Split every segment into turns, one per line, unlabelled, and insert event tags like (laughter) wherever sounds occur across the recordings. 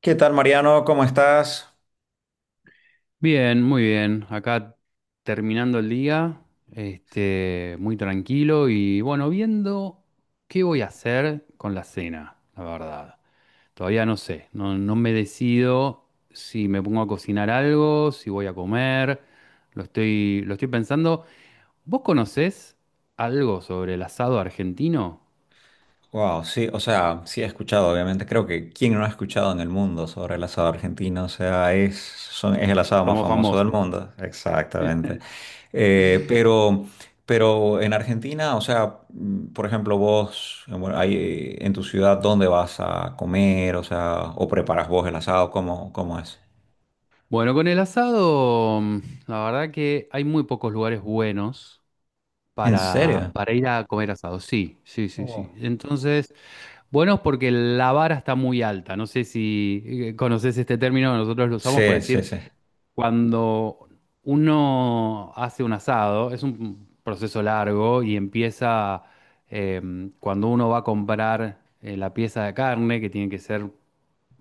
¿Qué tal, Mariano? ¿Cómo estás?
Bien, muy bien. Acá terminando el día, muy tranquilo y bueno, viendo qué voy a hacer con la cena, la verdad. Todavía no sé, no, no me decido si me pongo a cocinar algo, si voy a comer, lo estoy pensando. ¿Vos conocés algo sobre el asado argentino?
Wow, sí, o sea, sí he escuchado, obviamente. Creo que quién no ha escuchado en el mundo sobre el asado argentino, o sea, es el asado más
Somos
famoso del
famosos.
mundo. Exactamente. Eh, pero, pero en Argentina, o sea, por ejemplo, vos, bueno, ahí, en tu ciudad, ¿dónde vas a comer? O sea, ¿o preparas vos el asado? Cómo es?
Bueno, con el asado, la verdad que hay muy pocos lugares buenos.
¿En
Para,
serio?
para ir a comer asado, sí, sí, sí, sí.
Oh.
Entonces, buenos porque la vara está muy alta. No sé si conoces este término, nosotros lo usamos por
Sí, sí,
decir
sí.
cuando uno hace un asado, es un proceso largo y empieza cuando uno va a comprar la pieza de carne, que tiene que ser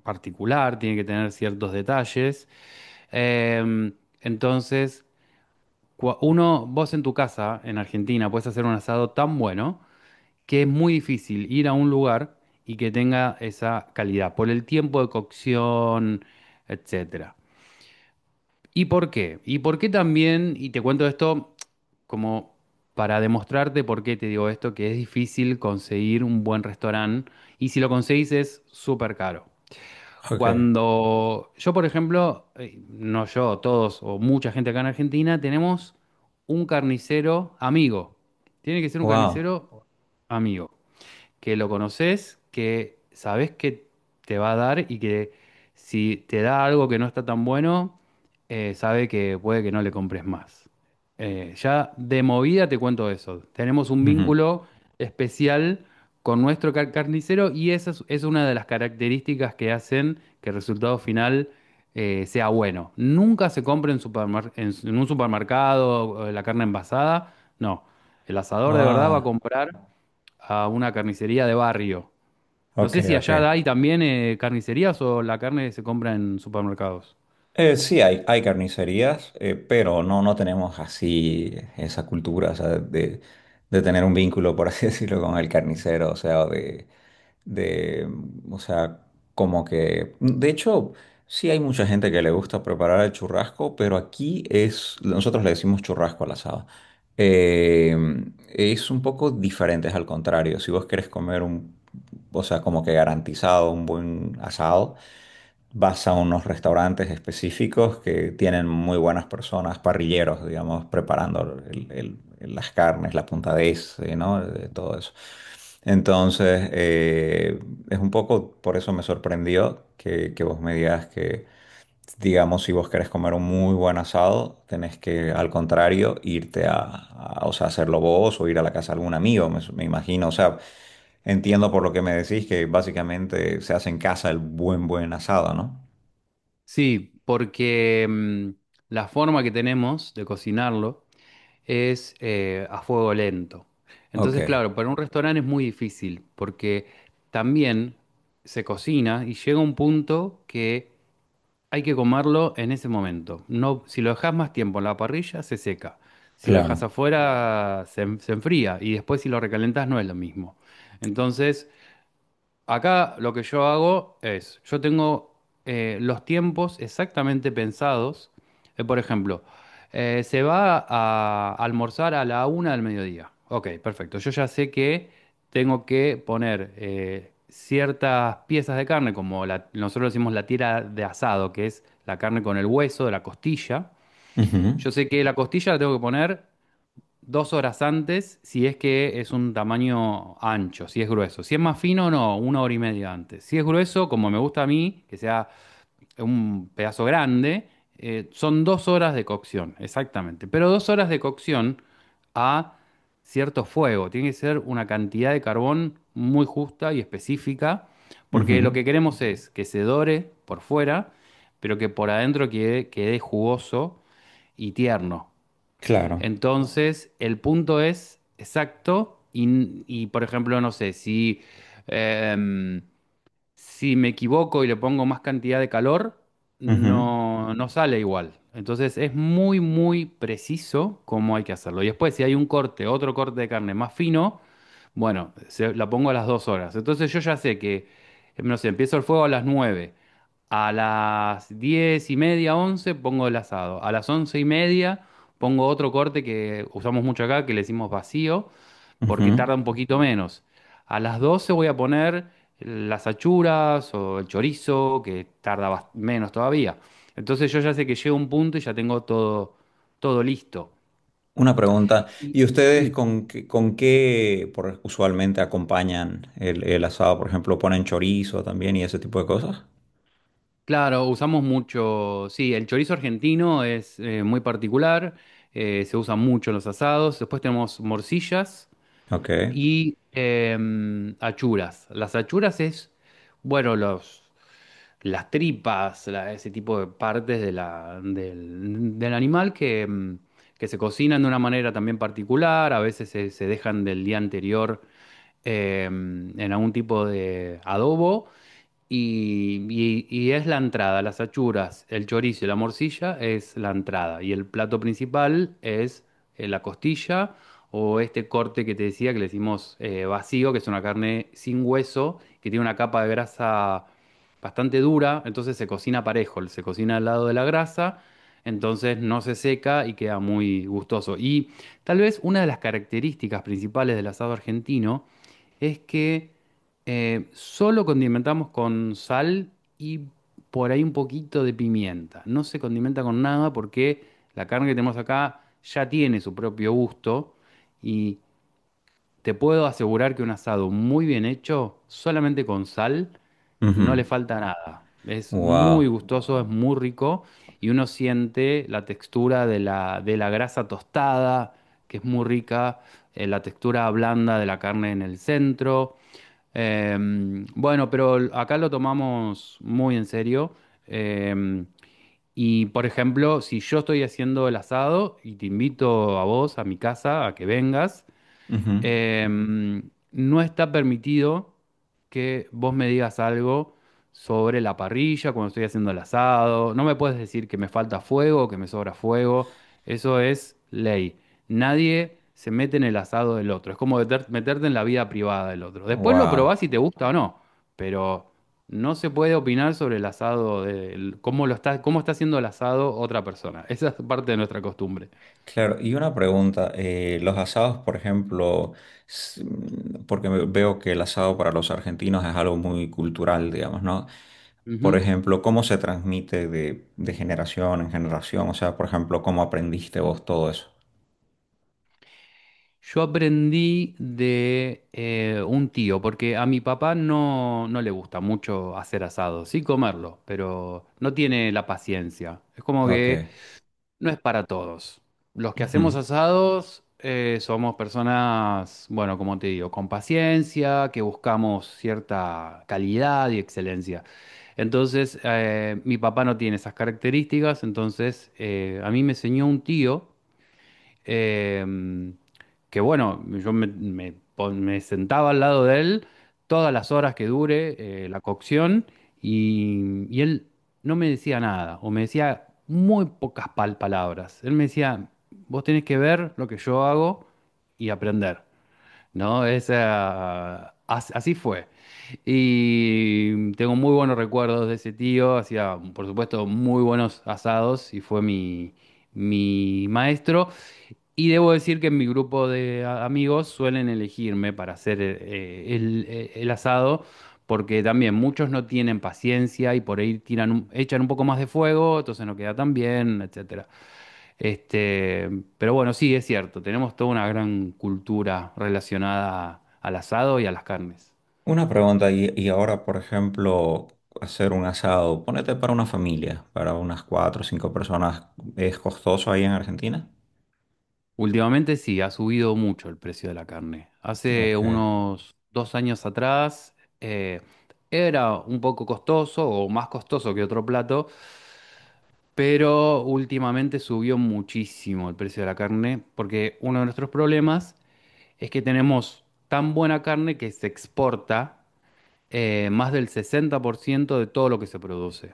particular, tiene que tener ciertos detalles. Eh, entonces, uno, vos en tu casa, en Argentina, puedes hacer un asado tan bueno que es muy difícil ir a un lugar y que tenga esa calidad por el tiempo de cocción, etcétera. ¿Y por qué? ¿Y por qué también? Y te cuento esto como para demostrarte por qué te digo esto, que es difícil conseguir un buen restaurante y si lo conseguís es súper caro.
Ok.
Cuando yo, por ejemplo, no yo, todos o mucha gente acá en Argentina, tenemos un carnicero amigo. Tiene que ser un
Wow.
carnicero amigo que lo conoces, que sabes que te va a dar y que si te da algo que no está tan bueno, sabe que puede que no le compres más. Ya de movida te cuento eso. Tenemos un
Ujú.
vínculo especial con nuestro carnicero y esa es una de las características que hacen que el resultado final sea bueno. Nunca se compra en un supermercado la carne envasada, no. El asador de verdad va a
Ah,
comprar a una carnicería de barrio. No
ok,
sé si allá
ok.
hay también carnicerías o la carne se compra en supermercados.
Sí, hay carnicerías, pero no tenemos así esa cultura, o sea, de tener un vínculo, por así (laughs) decirlo, con el carnicero, o sea, de, o sea, como que, de hecho, sí hay mucha gente que le gusta preparar el churrasco, pero aquí es, nosotros le decimos churrasco al asado. Eh, es un poco diferente, es al contrario, si vos querés comer o sea, como que garantizado un buen asado vas a unos restaurantes específicos que tienen muy buenas personas, parrilleros, digamos, preparando las carnes, la puntadez, ¿no? De todo eso. Entonces, es un poco, por eso me sorprendió que vos me digas que, digamos, si vos querés comer un muy buen asado, tenés que, al contrario, irte a, o sea, hacerlo vos o ir a la casa de algún amigo, me imagino, o sea, entiendo por lo que me decís que básicamente se hace en casa el buen asado, ¿no?
Sí, porque la forma que tenemos de cocinarlo es a fuego lento.
Ok,
Entonces, claro, para un restaurante es muy difícil porque también se cocina y llega un punto que hay que comerlo en ese momento. No, si lo dejas más tiempo en la parrilla, se seca. Si lo dejas
claro.
afuera, se enfría. Y después si lo recalentas, no es lo mismo. Entonces, acá lo que yo hago es, yo tengo los tiempos exactamente pensados. Por ejemplo, se va a almorzar a la 1 del mediodía. Ok, perfecto. Yo ya sé que tengo que poner ciertas piezas de carne, como nosotros decimos la tira de asado, que es la carne con el hueso, de la costilla.
Ujú,
Yo sé que la costilla la tengo que poner 2 horas antes si es que es un tamaño ancho, si es grueso. Si es más fino, no, 1 hora y media antes. Si es grueso, como me gusta a mí, que sea un pedazo grande, son 2 horas de cocción, exactamente. Pero 2 horas de cocción a cierto fuego. Tiene que ser una cantidad de carbón muy justa y específica,
ujú,
porque lo que queremos es que se dore por fuera, pero que por adentro quede jugoso y tierno.
claro.
Entonces, el punto es exacto y, por ejemplo, no sé, em, si me equivoco y le pongo más cantidad de calor,
Ujú,
no, no sale igual. Entonces es muy, muy preciso cómo hay que hacerlo. Y después, si hay un corte, otro corte de carne más fino, bueno, la pongo a las 2 horas. Entonces yo ya sé que, no sé, empiezo el fuego a las 9. A las 10:30, once, pongo el asado. A las 11:30 pongo otro corte que usamos mucho acá, que le decimos vacío, porque tarda
ujú.
un poquito menos. A las 12 voy a poner las achuras o el chorizo, que tarda menos todavía. Entonces yo ya sé que llega un punto y ya tengo todo, todo listo.
Una pregunta.
Y-
¿Y ustedes
Sí.
con qué usualmente acompañan el asado? Por ejemplo, ¿ponen chorizo también y ese tipo de cosas?
Claro, usamos mucho, sí, el chorizo argentino es muy particular, se usa mucho en los asados. Después tenemos morcillas
Ok.
y achuras. Las achuras es, bueno, los las tripas, ese tipo de partes del animal que, que se cocinan de una manera también particular, a veces se dejan del día anterior en algún tipo de adobo y es la entrada, las achuras, el chorizo y la morcilla es la entrada. Y el plato principal es la costilla o este corte que te decía que le decimos vacío, que es una carne sin hueso, que tiene una capa de grasa bastante dura, entonces se cocina parejo, se cocina al lado de la grasa, entonces no se seca y queda muy gustoso. Y tal vez una de las características principales del asado argentino es que solo condimentamos con sal y por ahí un poquito de pimienta. No se condimenta con nada porque la carne que tenemos acá ya tiene su propio gusto y te puedo asegurar que un asado muy bien hecho, solamente con sal, no le
Ujú.
falta nada. Es muy
Wow.
gustoso, es muy rico y uno siente la textura de la grasa tostada, que es muy rica, la textura blanda de la carne en el centro. Bueno, pero acá lo tomamos muy en serio. Em, y por ejemplo, si yo estoy haciendo el asado y te invito a vos a mi casa a que vengas,
Ujú.
eh, no está permitido que vos me digas algo sobre la parrilla, cuando estoy haciendo el asado. No me puedes decir que me falta fuego o que me sobra fuego. Eso es ley. Nadie se mete en el asado del otro. Es como meterte en la vida privada del otro. Después lo
Wow.
probás si te gusta o no, pero no se puede opinar sobre el asado cómo lo está, cómo está haciendo el asado otra persona. Esa es parte de nuestra costumbre.
Claro, y una pregunta, los asados, por ejemplo, porque veo que el asado para los argentinos es algo muy cultural, digamos, ¿no? Por
Ujú.
ejemplo, ¿cómo se transmite de generación en generación? O sea, por ejemplo, ¿cómo aprendiste vos todo eso?
Yo aprendí de un tío, porque a mi papá no, no le gusta mucho hacer asado, sí comerlo, pero no tiene la paciencia. Es como
Ok.
que no es para todos. Los que hacemos
Ujú.
asados somos personas, bueno, como te digo, con paciencia, que buscamos cierta calidad y excelencia. Entonces, mi papá no tiene esas características, entonces a mí me enseñó un tío em, que bueno, yo me sentaba al lado de él todas las horas que dure la cocción y él no me decía nada o me decía muy pocas palabras. Él me decía, vos tenés que ver lo que yo hago y aprender, ¿no? Así fue. Y tengo muy buenos recuerdos de ese tío, hacía por supuesto muy buenos asados y fue mi maestro. Y debo decir que en mi grupo de amigos suelen elegirme para hacer el asado, porque también muchos no tienen paciencia y por ahí echan un poco más de fuego, entonces no queda tan bien, etcétera. Este, pero bueno, sí, es cierto, tenemos toda una gran cultura relacionada al asado y a las carnes.
Una pregunta, y ahora, por ejemplo, hacer un asado, ponete para una familia, para unas cuatro o cinco personas, ¿es costoso ahí en Argentina?
Últimamente sí, ha subido mucho el precio de la carne. Hace
Ok,
unos 2 años atrás, era un poco costoso o más costoso que otro plato, pero últimamente subió muchísimo el precio de la carne, porque uno de nuestros problemas es que tenemos tan buena carne que se exporta más del 60% de todo lo que se produce.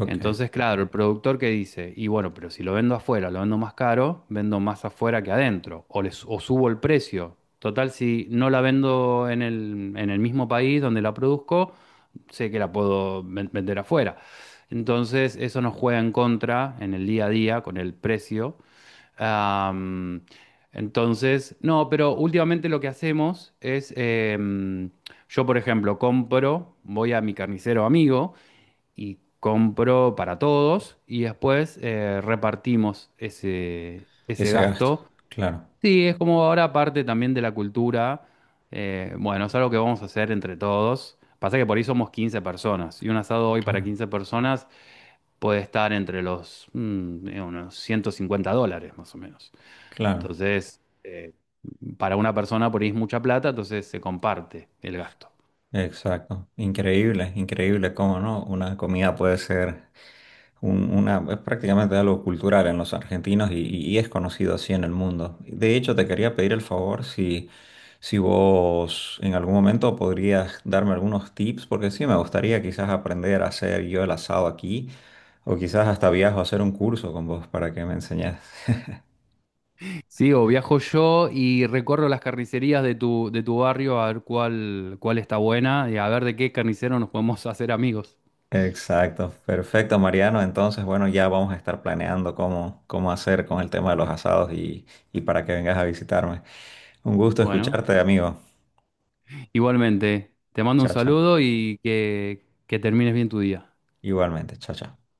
ok.
Entonces, claro, el productor que dice, y bueno, pero si lo vendo afuera, lo vendo más caro, vendo más afuera que adentro, o subo el precio. Total, si no la vendo en el mismo país donde la produzco, sé que la puedo vender afuera. Entonces, eso nos juega en contra en el día a día con el precio. Am, entonces, no, pero últimamente lo que hacemos es, yo por ejemplo, compro, voy a mi carnicero amigo, y compro para todos y después repartimos ese
Ese gasto,
gasto.
claro,
Sí, es como ahora parte también de la cultura. Bueno, es algo que vamos a hacer entre todos. Pasa que por ahí somos 15 personas y un asado hoy para
claro.
15 personas puede estar entre los unos US$150 más o menos.
Claro,
Entonces, para una persona por ahí es mucha plata, entonces se comparte el gasto.
exacto. Increíble, increíble cómo no. Una comida puede ser es prácticamente algo cultural en los argentinos y es conocido así en el mundo. De hecho, te quería pedir el favor si, si vos en algún momento podrías darme algunos tips, porque sí, me gustaría quizás aprender a hacer yo el asado aquí, o quizás hasta viajo a hacer un curso con vos para que me enseñes.
Sí, o viajo yo y recorro las carnicerías de tu barrio a ver cuál está buena y a ver de qué carnicero nos podemos (laughs) hacer amigos.
Exacto, perfecto, Mariano. Entonces, bueno, ya vamos a estar planeando cómo hacer con el tema de los asados y para que vengas a visitarme. Un gusto
Bueno,
escucharte, amigo.
igualmente, te mando un
Chao, chao.
saludo y que termines bien tu día.
Igualmente, chao, chao.